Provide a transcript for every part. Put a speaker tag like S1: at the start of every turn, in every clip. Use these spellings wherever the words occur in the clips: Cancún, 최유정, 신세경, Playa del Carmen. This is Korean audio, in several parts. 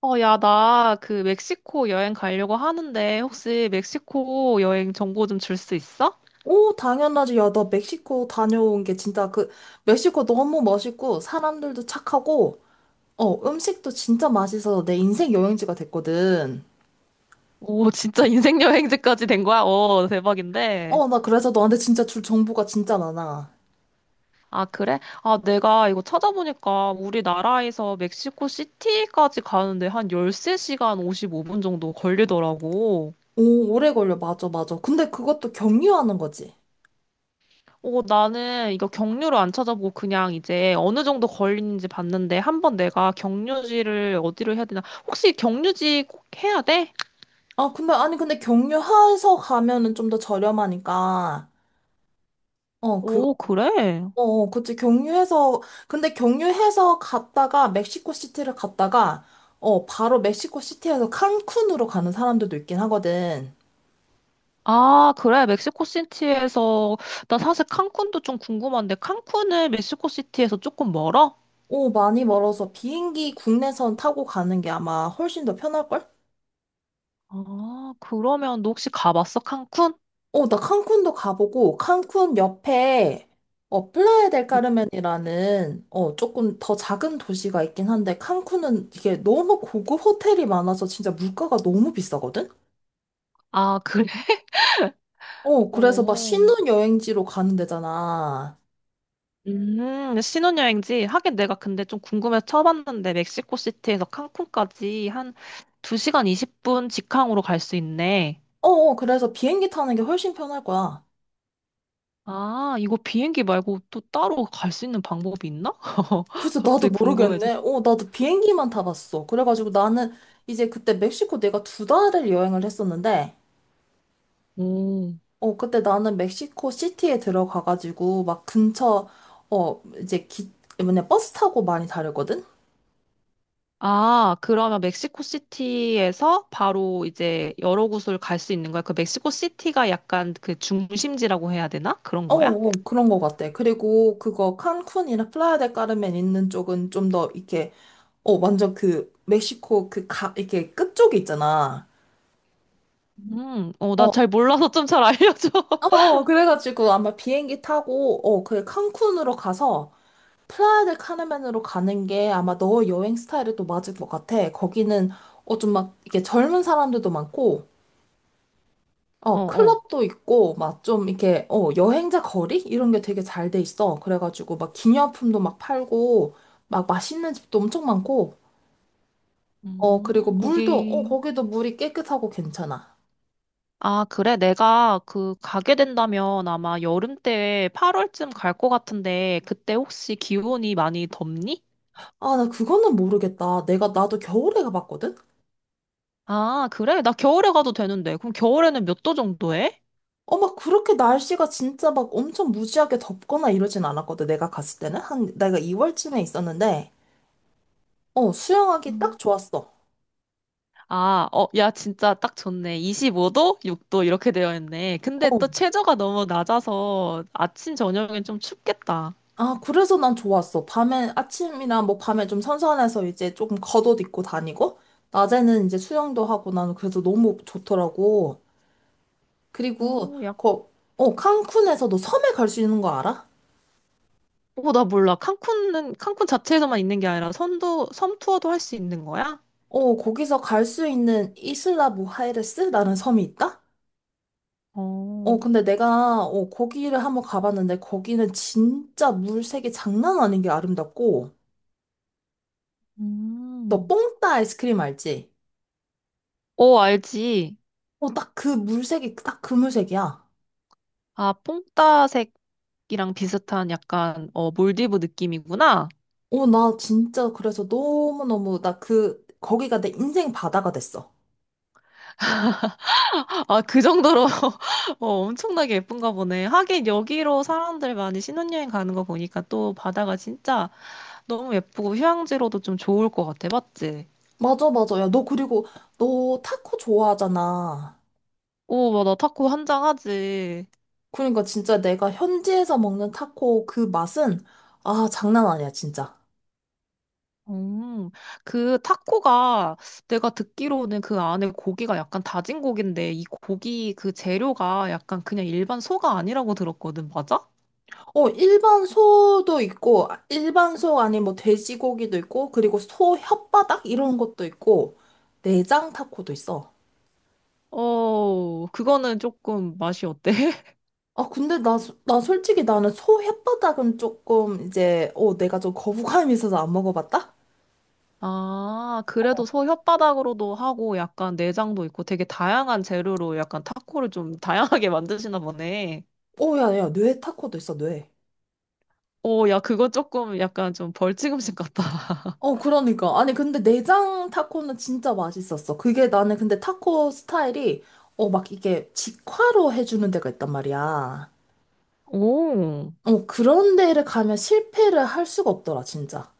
S1: 야, 나 그 멕시코 여행 가려고 하는데 혹시 멕시코 여행 정보 좀 줄 수 있어?
S2: 오, 당연하지. 야, 나 멕시코 다녀온 게 진짜 멕시코 너무 멋있고, 사람들도 착하고, 음식도 진짜 맛있어서 내 인생 여행지가 됐거든.
S1: 오, 진짜 인생 여행지까지 된 거야? 어, 대박인데.
S2: 나 그래서 너한테 진짜 줄 정보가 진짜 많아.
S1: 아, 그래? 아, 내가 이거 찾아보니까 우리나라에서 멕시코 시티까지 가는데 한 13시간 55분 정도 걸리더라고.
S2: 오, 오래 걸려. 맞아, 맞아. 근데 그것도 경유하는 거지.
S1: 어, 나는 이거 경유를 안 찾아보고 그냥 이제 어느 정도 걸리는지 봤는데 한번 내가 경유지를 어디로 해야 되나? 혹시 경유지 꼭 해야 돼?
S2: 아, 근데, 아니, 근데 경유해서 가면은 좀 더 저렴하니까, 어,
S1: 오, 그래?
S2: 그치. 경유해서, 근데 경유해서 갔다가 멕시코 시티를 갔다가, 바로 멕시코 시티에서 칸쿤으로 가는 사람들도 있긴 하거든.
S1: 아, 그래. 멕시코 시티에서 나 사실 칸쿤도 좀 궁금한데 칸쿤은 멕시코 시티에서 조금 멀어?
S2: 오, 많이 멀어서 비행기 국내선 타고 가는 게 아마 훨씬 더 편할걸?
S1: 아, 그러면 너 혹시 가봤어? 칸쿤?
S2: 나 칸쿤도 가보고, 칸쿤 옆에, 플라야 델
S1: 음,
S2: 까르멘이라는, 조금 더 작은 도시가 있긴 한데, 칸쿤은 이게 너무 고급 호텔이 많아서 진짜 물가가 너무 비싸거든?
S1: 아, 그래.
S2: 그래서 막
S1: 오.
S2: 신혼여행지로 가는 데잖아.
S1: 신혼여행지. 하긴 내가 근데 좀 궁금해서 쳐봤는데 멕시코 시티에서 칸쿤까지 한 2시간 20분 직항으로 갈 수 있네.
S2: 그래서 비행기 타는 게 훨씬 편할 거야.
S1: 아, 이거 비행기 말고 또 따로 갈 수 있는 방법이 있나?
S2: 그래서 나도
S1: 갑자기
S2: 모르겠네.
S1: 궁금해졌어.
S2: 나도 비행기만 타봤어. 그래가지고 나는 이제 그때 멕시코 내가 두 달을 여행을 했었는데,
S1: 오.
S2: 그때 나는 멕시코 시티에 들어가가지고 막 근처, 어, 이제 기, 뭐냐, 버스 타고 많이 다녔거든?
S1: 아, 그러면 멕시코 시티에서 바로 이제 여러 곳을 갈 수 있는 거야? 그 멕시코 시티가 약간 그 중심지라고 해야 되나? 그런 거야?
S2: 그런 거 같아. 그리고 그거 칸쿤이나 플라야 델 까르멘 있는 쪽은 좀 더 이렇게, 완전 그 멕시코 이렇게 끝쪽에 있잖아.
S1: 나
S2: 어,
S1: 잘 몰라서 좀 잘 알려줘.
S2: 그래가지고 아마 비행기 타고, 그 칸쿤으로 가서 플라야 델 카르멘으로 가는 게 아마 너 여행 스타일에 또 맞을 것 같아. 거기는, 좀 막, 이렇게 젊은 사람들도 많고,
S1: 어, 어.
S2: 클럽도 있고, 막 좀 이렇게, 여행자 거리? 이런 게 되게 잘 돼 있어. 그래가지고 막 기념품도 막 팔고, 막 맛있는 집도 엄청 많고, 그리고 물도,
S1: 거기.
S2: 거기도 물이 깨끗하고 괜찮아.
S1: 아, 그래. 내가 그 가게 된다면 아마 여름 때 8월쯤 갈 것 같은데 그때 혹시 기온이 많이 덥니?
S2: 아, 나 그거는 모르겠다. 나도 겨울에 가봤거든?
S1: 아, 그래. 나 겨울에 가도 되는데. 그럼 겨울에는 몇 도 정도 해?
S2: 막 그렇게 날씨가 진짜 막 엄청 무지하게 덥거나 이러진 않았거든, 내가 갔을 때는. 한, 내가 2월쯤에 있었는데, 수영하기 딱
S1: 음.
S2: 좋았어.
S1: 아, 어, 야, 진짜 딱 좋네. 25도, 6도 이렇게 되어 있네. 근데
S2: 어.
S1: 또 최저가 너무 낮아서 아침, 저녁엔 좀 춥겠다.
S2: 아, 그래서 난 좋았어. 밤에, 아침이나 뭐 밤에 좀 선선해서 이제 조금 겉옷 입고 다니고, 낮에는 이제 수영도 하고 나는 그래서 너무 좋더라고. 그리고,
S1: 어,
S2: 칸쿤에서 너 섬에 갈 수 있는 거 알아?
S1: 나 몰라. 칸쿤은, 칸쿤 자체에서만 있는 게 아니라 섬 투어도 할 수 있는 거야?
S2: 거기서 갈 수 있는 이슬라 무하이레스라는 섬이 있다?
S1: 어,
S2: 근데 내가, 거기를 한번 가봤는데, 거기는 진짜 물색이 장난 아닌 게 아름답고, 너
S1: 음.
S2: 뽕따 아이스크림 알지?
S1: 어, 알지.
S2: 딱 그 물색이, 딱 그 물색이야.
S1: 아, 뽕따색이랑 비슷한 약간, 몰디브 느낌이구나.
S2: 나 진짜 그래서 너무너무, 거기가 내 인생 바다가 됐어.
S1: 아, 그 정도로 엄청나게 예쁜가 보네. 하긴 여기로 사람들 많이 신혼여행 가는 거 보니까 또 바다가 진짜 너무 예쁘고 휴양지로도 좀 좋을 것 같아. 맞지?
S2: 맞아, 맞아. 야, 너 타코 좋아하잖아.
S1: 오, 맞아. 타코 한장하지.
S2: 그러니까 진짜 내가 현지에서 먹는 타코 그 맛은, 아, 장난 아니야, 진짜.
S1: 음, 그 타코가 내가 듣기로는 그 안에 고기가 약간 다진 고기인데 이 고기 그 재료가 약간 그냥 일반 소가 아니라고 들었거든. 맞아?
S2: 일반 소도 있고, 일반 소 아니 뭐 돼지고기도 있고, 그리고 소 혓바닥 이런 것도 있고, 내장 타코도 있어.
S1: 어, 그거는 조금 맛이 어때?
S2: 아, 근데 나, 소- 나 솔직히 나는 소 혓바닥은 조금 이제, 내가 좀 거부감이 있어서 안 먹어봤다?
S1: 아, 그래도 소 혓바닥으로도 하고 약간 내장도 있고 되게 다양한 재료로 약간 타코를 좀 다양하게 만드시나 보네.
S2: 야, 야, 뇌 타코도 있어, 뇌.
S1: 오, 야, 그거 조금 약간 좀 벌칙음식 같다.
S2: 그러니까. 아니, 근데 내장 타코는 진짜 맛있었어. 그게 나는 근데 타코 스타일이, 막 이게 직화로 해주는 데가 있단 말이야.
S1: 오.
S2: 그런 데를 가면 실패를 할 수가 없더라, 진짜.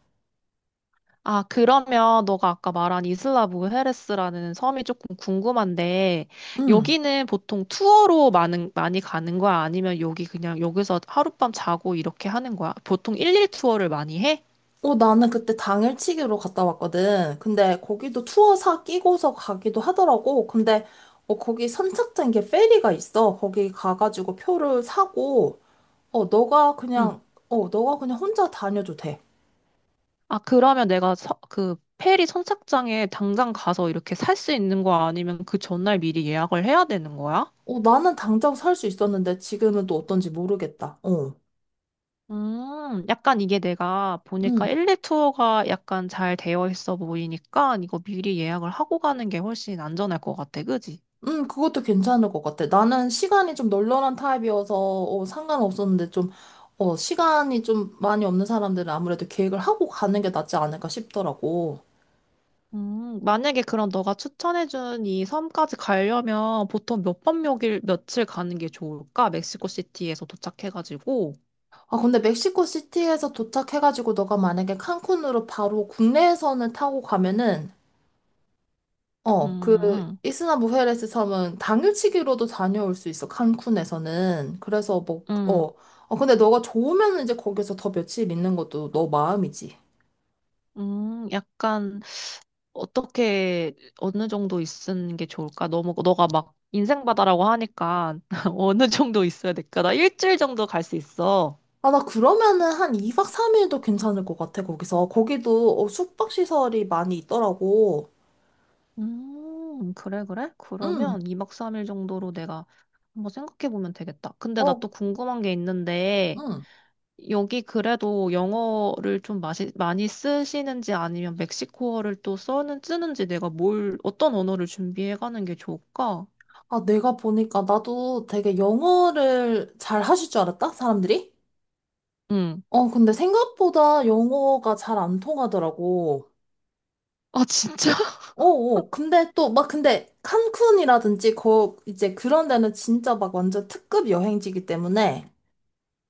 S1: 아, 그러면 너가 아까 말한 이슬라 브헤레스라는 섬이 조금 궁금한데
S2: 응.
S1: 여기는 보통 투어로 많이 가는 거야? 아니면 여기 그냥 여기서 하룻밤 자고 이렇게 하는 거야? 보통 일일 투어를 많이 해?
S2: 나는 그때 당일치기로 갔다 왔거든. 근데 거기도 투어사 끼고서 가기도 하더라고. 근데 거기 선착장 이게 페리가 있어. 거기 가가지고 표를 사고, 어, 너가 그냥, 너가 그냥 혼자 다녀도 돼.
S1: 아, 그러면 내가 그 페리 선착장에 당장 가서 이렇게 살 수 있는 거 아니면 그 전날 미리 예약을 해야 되는 거야?
S2: 나는 당장 살 수 있었는데 지금은 또 어떤지 모르겠다. 어.
S1: 약간 이게 내가 보니까 일2 투어가 약간 잘 되어 있어 보이니까 이거 미리 예약을 하고 가는 게 훨씬 안전할 것 같아, 그지?
S2: 그것도 괜찮을 것 같아. 나는 시간이 좀 널널한 타입이어서, 상관없었는데 좀, 시간이 좀 많이 없는 사람들은 아무래도 계획을 하고 가는 게 낫지 않을까 싶더라고.
S1: 만약에 그럼 너가 추천해준 이 섬까지 가려면 보통 몇 밤, 몇 일, 며칠 가는 게 좋을까? 멕시코 시티에서 도착해가지고.
S2: 아, 근데 멕시코 시티에서 도착해가지고 너가 만약에 칸쿤으로 바로 국내에서는 타고 가면은, 어, 그,
S1: 음,
S2: 이스나무헤레스 섬은 당일치기로도 다녀올 수 있어, 칸쿤에서는. 그래서 뭐,
S1: 음,
S2: 근데 너가 좋으면 이제 거기서 더 며칠 있는 것도 너 마음이지.
S1: 약간 어떻게 어느 정도 있는 게 좋을까? 너무 너가 막 인생 바다라고 하니까 어느 정도 있어야 될까? 나 일주일 정도 갈 수 있어.
S2: 아, 나 그러면은 한 2박 3일도 괜찮을 것 같아, 거기서. 거기도 숙박시설이 많이 있더라고.
S1: 그래, 그래?
S2: 응,
S1: 그러면 2박 3일 정도로 내가 한번 생각해 보면 되겠다. 근데 나
S2: 어,
S1: 또 궁금한 게 있는데,
S2: 응.
S1: 여기 그래도 영어를 좀 많이 쓰시는지 아니면 멕시코어를 또 쓰는지 내가 어떤 언어를 준비해 가는 게 좋을까?
S2: 아, 내가 보니까 나도 되게 영어를 잘 하실 줄 알았다, 사람들이?
S1: 응.
S2: 근데 생각보다 영어가 잘 안 통하더라고.
S1: 아, 진짜?
S2: 어, 어. 근데 또, 막, 근데 칸쿤이라든지, 이제 그런 데는 진짜 막 완전 특급 여행지기 때문에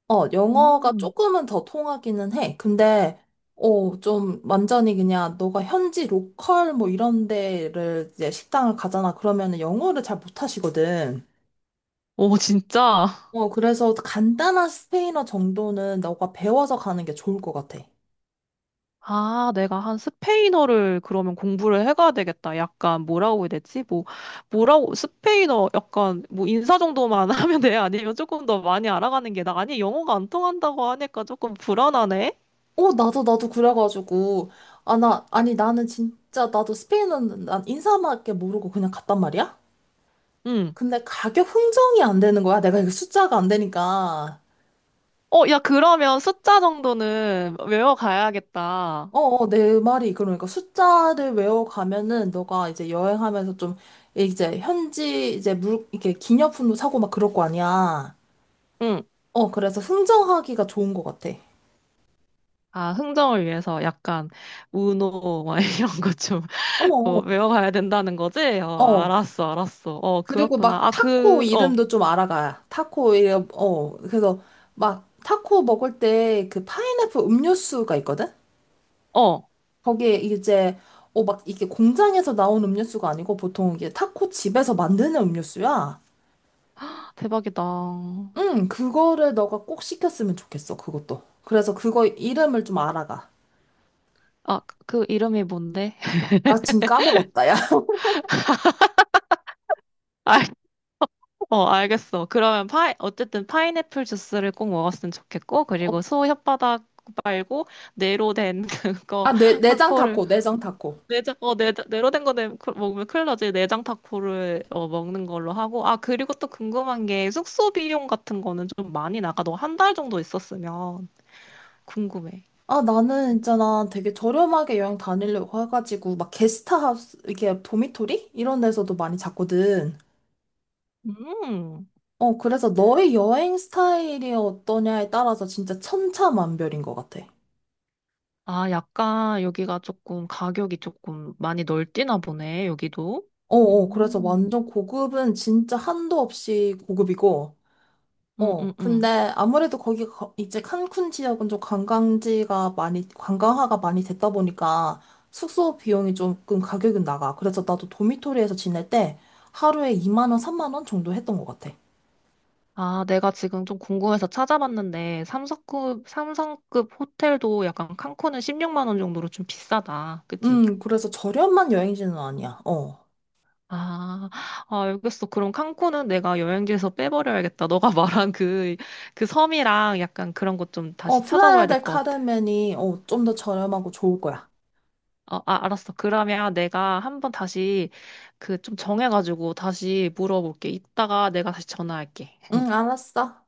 S2: 영어가
S1: 음.
S2: 조금은 더 통하기는 해. 근데, 좀 완전히 그냥 너가 현지 로컬 뭐 이런 데를 이제 식당을 가잖아. 그러면은 영어를 잘 못하시거든.
S1: 오, 진짜?
S2: 그래서 간단한 스페인어 정도는 너가 배워서 가는 게 좋을 것 같아.
S1: 아, 내가 한 스페인어를 그러면 공부를 해가야 되겠다. 약간 뭐라고 해야 되지? 스페인어 약간 뭐 인사 정도만 하면 돼? 아니면 조금 더 많이 알아가는 게 나? 아니, 영어가 안 통한다고 하니까 조금 불안하네?
S2: 나도 그래가지고. 아, 나, 아니, 나는 진짜, 나도 스페인어는 난 인사밖에 모르고 그냥 갔단 말이야?
S1: 응.
S2: 근데 가격 흥정이 안 되는 거야. 내가 이거 숫자가 안 되니까.
S1: 어, 야, 그러면 숫자 정도는 외워가야겠다.
S2: 내 말이 그러니까 숫자를 외워가면은 너가 이제 여행하면서 좀 이제 현지 이제 물 이렇게 기념품도 사고 막 그럴 거 아니야.
S1: 응.
S2: 그래서 흥정하기가 좋은 것 같아.
S1: 아, 흥정을 위해서 약간 우노 막 이런 거 좀,
S2: 어,
S1: 뭐,
S2: 어.
S1: 외워가야 된다는 거지? 어,
S2: 어.
S1: 알았어, 알았어. 어,
S2: 그리고 막
S1: 그렇구나. 아,
S2: 타코
S1: 어,
S2: 이름도 좀 알아가. 타코 이름, 어. 그래서 막 타코 먹을 때 그 파인애플 음료수가 있거든?
S1: 어.
S2: 거기에 이제 막 이게 공장에서 나온 음료수가 아니고 보통 이게 타코 집에서 만드는 음료수야.
S1: 대박이다.
S2: 응, 그거를 너가 꼭 시켰으면 좋겠어, 그것도. 그래서 그거 이름을 좀 알아가.
S1: 아, 그 이름이 뭔데?
S2: 나 지금 까먹었다, 야.
S1: 알, 알겠어. 그러면 파 어쨌든 파인애플 주스를 꼭 먹었으면 좋겠고,
S2: 어,
S1: 그리고 소 혓바닥 말고, 네로 된 그거,
S2: 아, 내장
S1: 타코를,
S2: 타코, 내장 타코.
S1: 내장, 네로 된 거 먹으면 큰일 나지. 내장 타코를 먹는 걸로 하고, 아, 그리고 또 궁금한 게, 숙소 비용 같은 거는 좀 많이 나가. 너 한 달 정도 있었으면 궁금해.
S2: 아, 나는 있잖아, 되게 저렴하게 여행 다니려고 해가지고, 막 게스트하우스, 이게 도미토리? 이런 데서도 많이 잤거든.
S1: 음.
S2: 그래서 너의 여행 스타일이 어떠냐에 따라서 진짜 천차만별인 것 같아.
S1: 아, 약간 여기가 조금 가격이 조금 많이 널뛰나 보네, 여기도.
S2: 그래서
S1: 음.
S2: 완전 고급은 진짜 한도 없이 고급이고,
S1: 음, 음,
S2: 근데
S1: 음.
S2: 아무래도 거기 이제 칸쿤 지역은 좀 관광지가 많이, 관광화가 많이 됐다 보니까 숙소 비용이 조금 가격은 나가. 그래서 나도 도미토리에서 지낼 때 하루에 2만 원, 3만 원 정도 했던 것 같아.
S1: 아, 내가 지금 좀 궁금해서 찾아봤는데, 삼성급 호텔도 약간 칸쿤은 16만 원 정도로 좀 비싸다. 그치?
S2: 그래서 저렴한 여행지는 아니야. 어.
S1: 아, 아, 알겠어. 그럼 칸쿤은 내가 여행지에서 빼버려야겠다. 너가 말한 그, 섬이랑 약간 그런 것 좀 다시
S2: 플라야
S1: 찾아봐야 될
S2: 델
S1: 것 같아.
S2: 카르멘이 좀 더 저렴하고 좋을 거야.
S1: 어, 아, 알았어. 그러면 내가 한번 다시 그 좀 정해가지고 다시 물어볼게. 이따가 내가 다시 전화할게.
S2: 응, 알았어.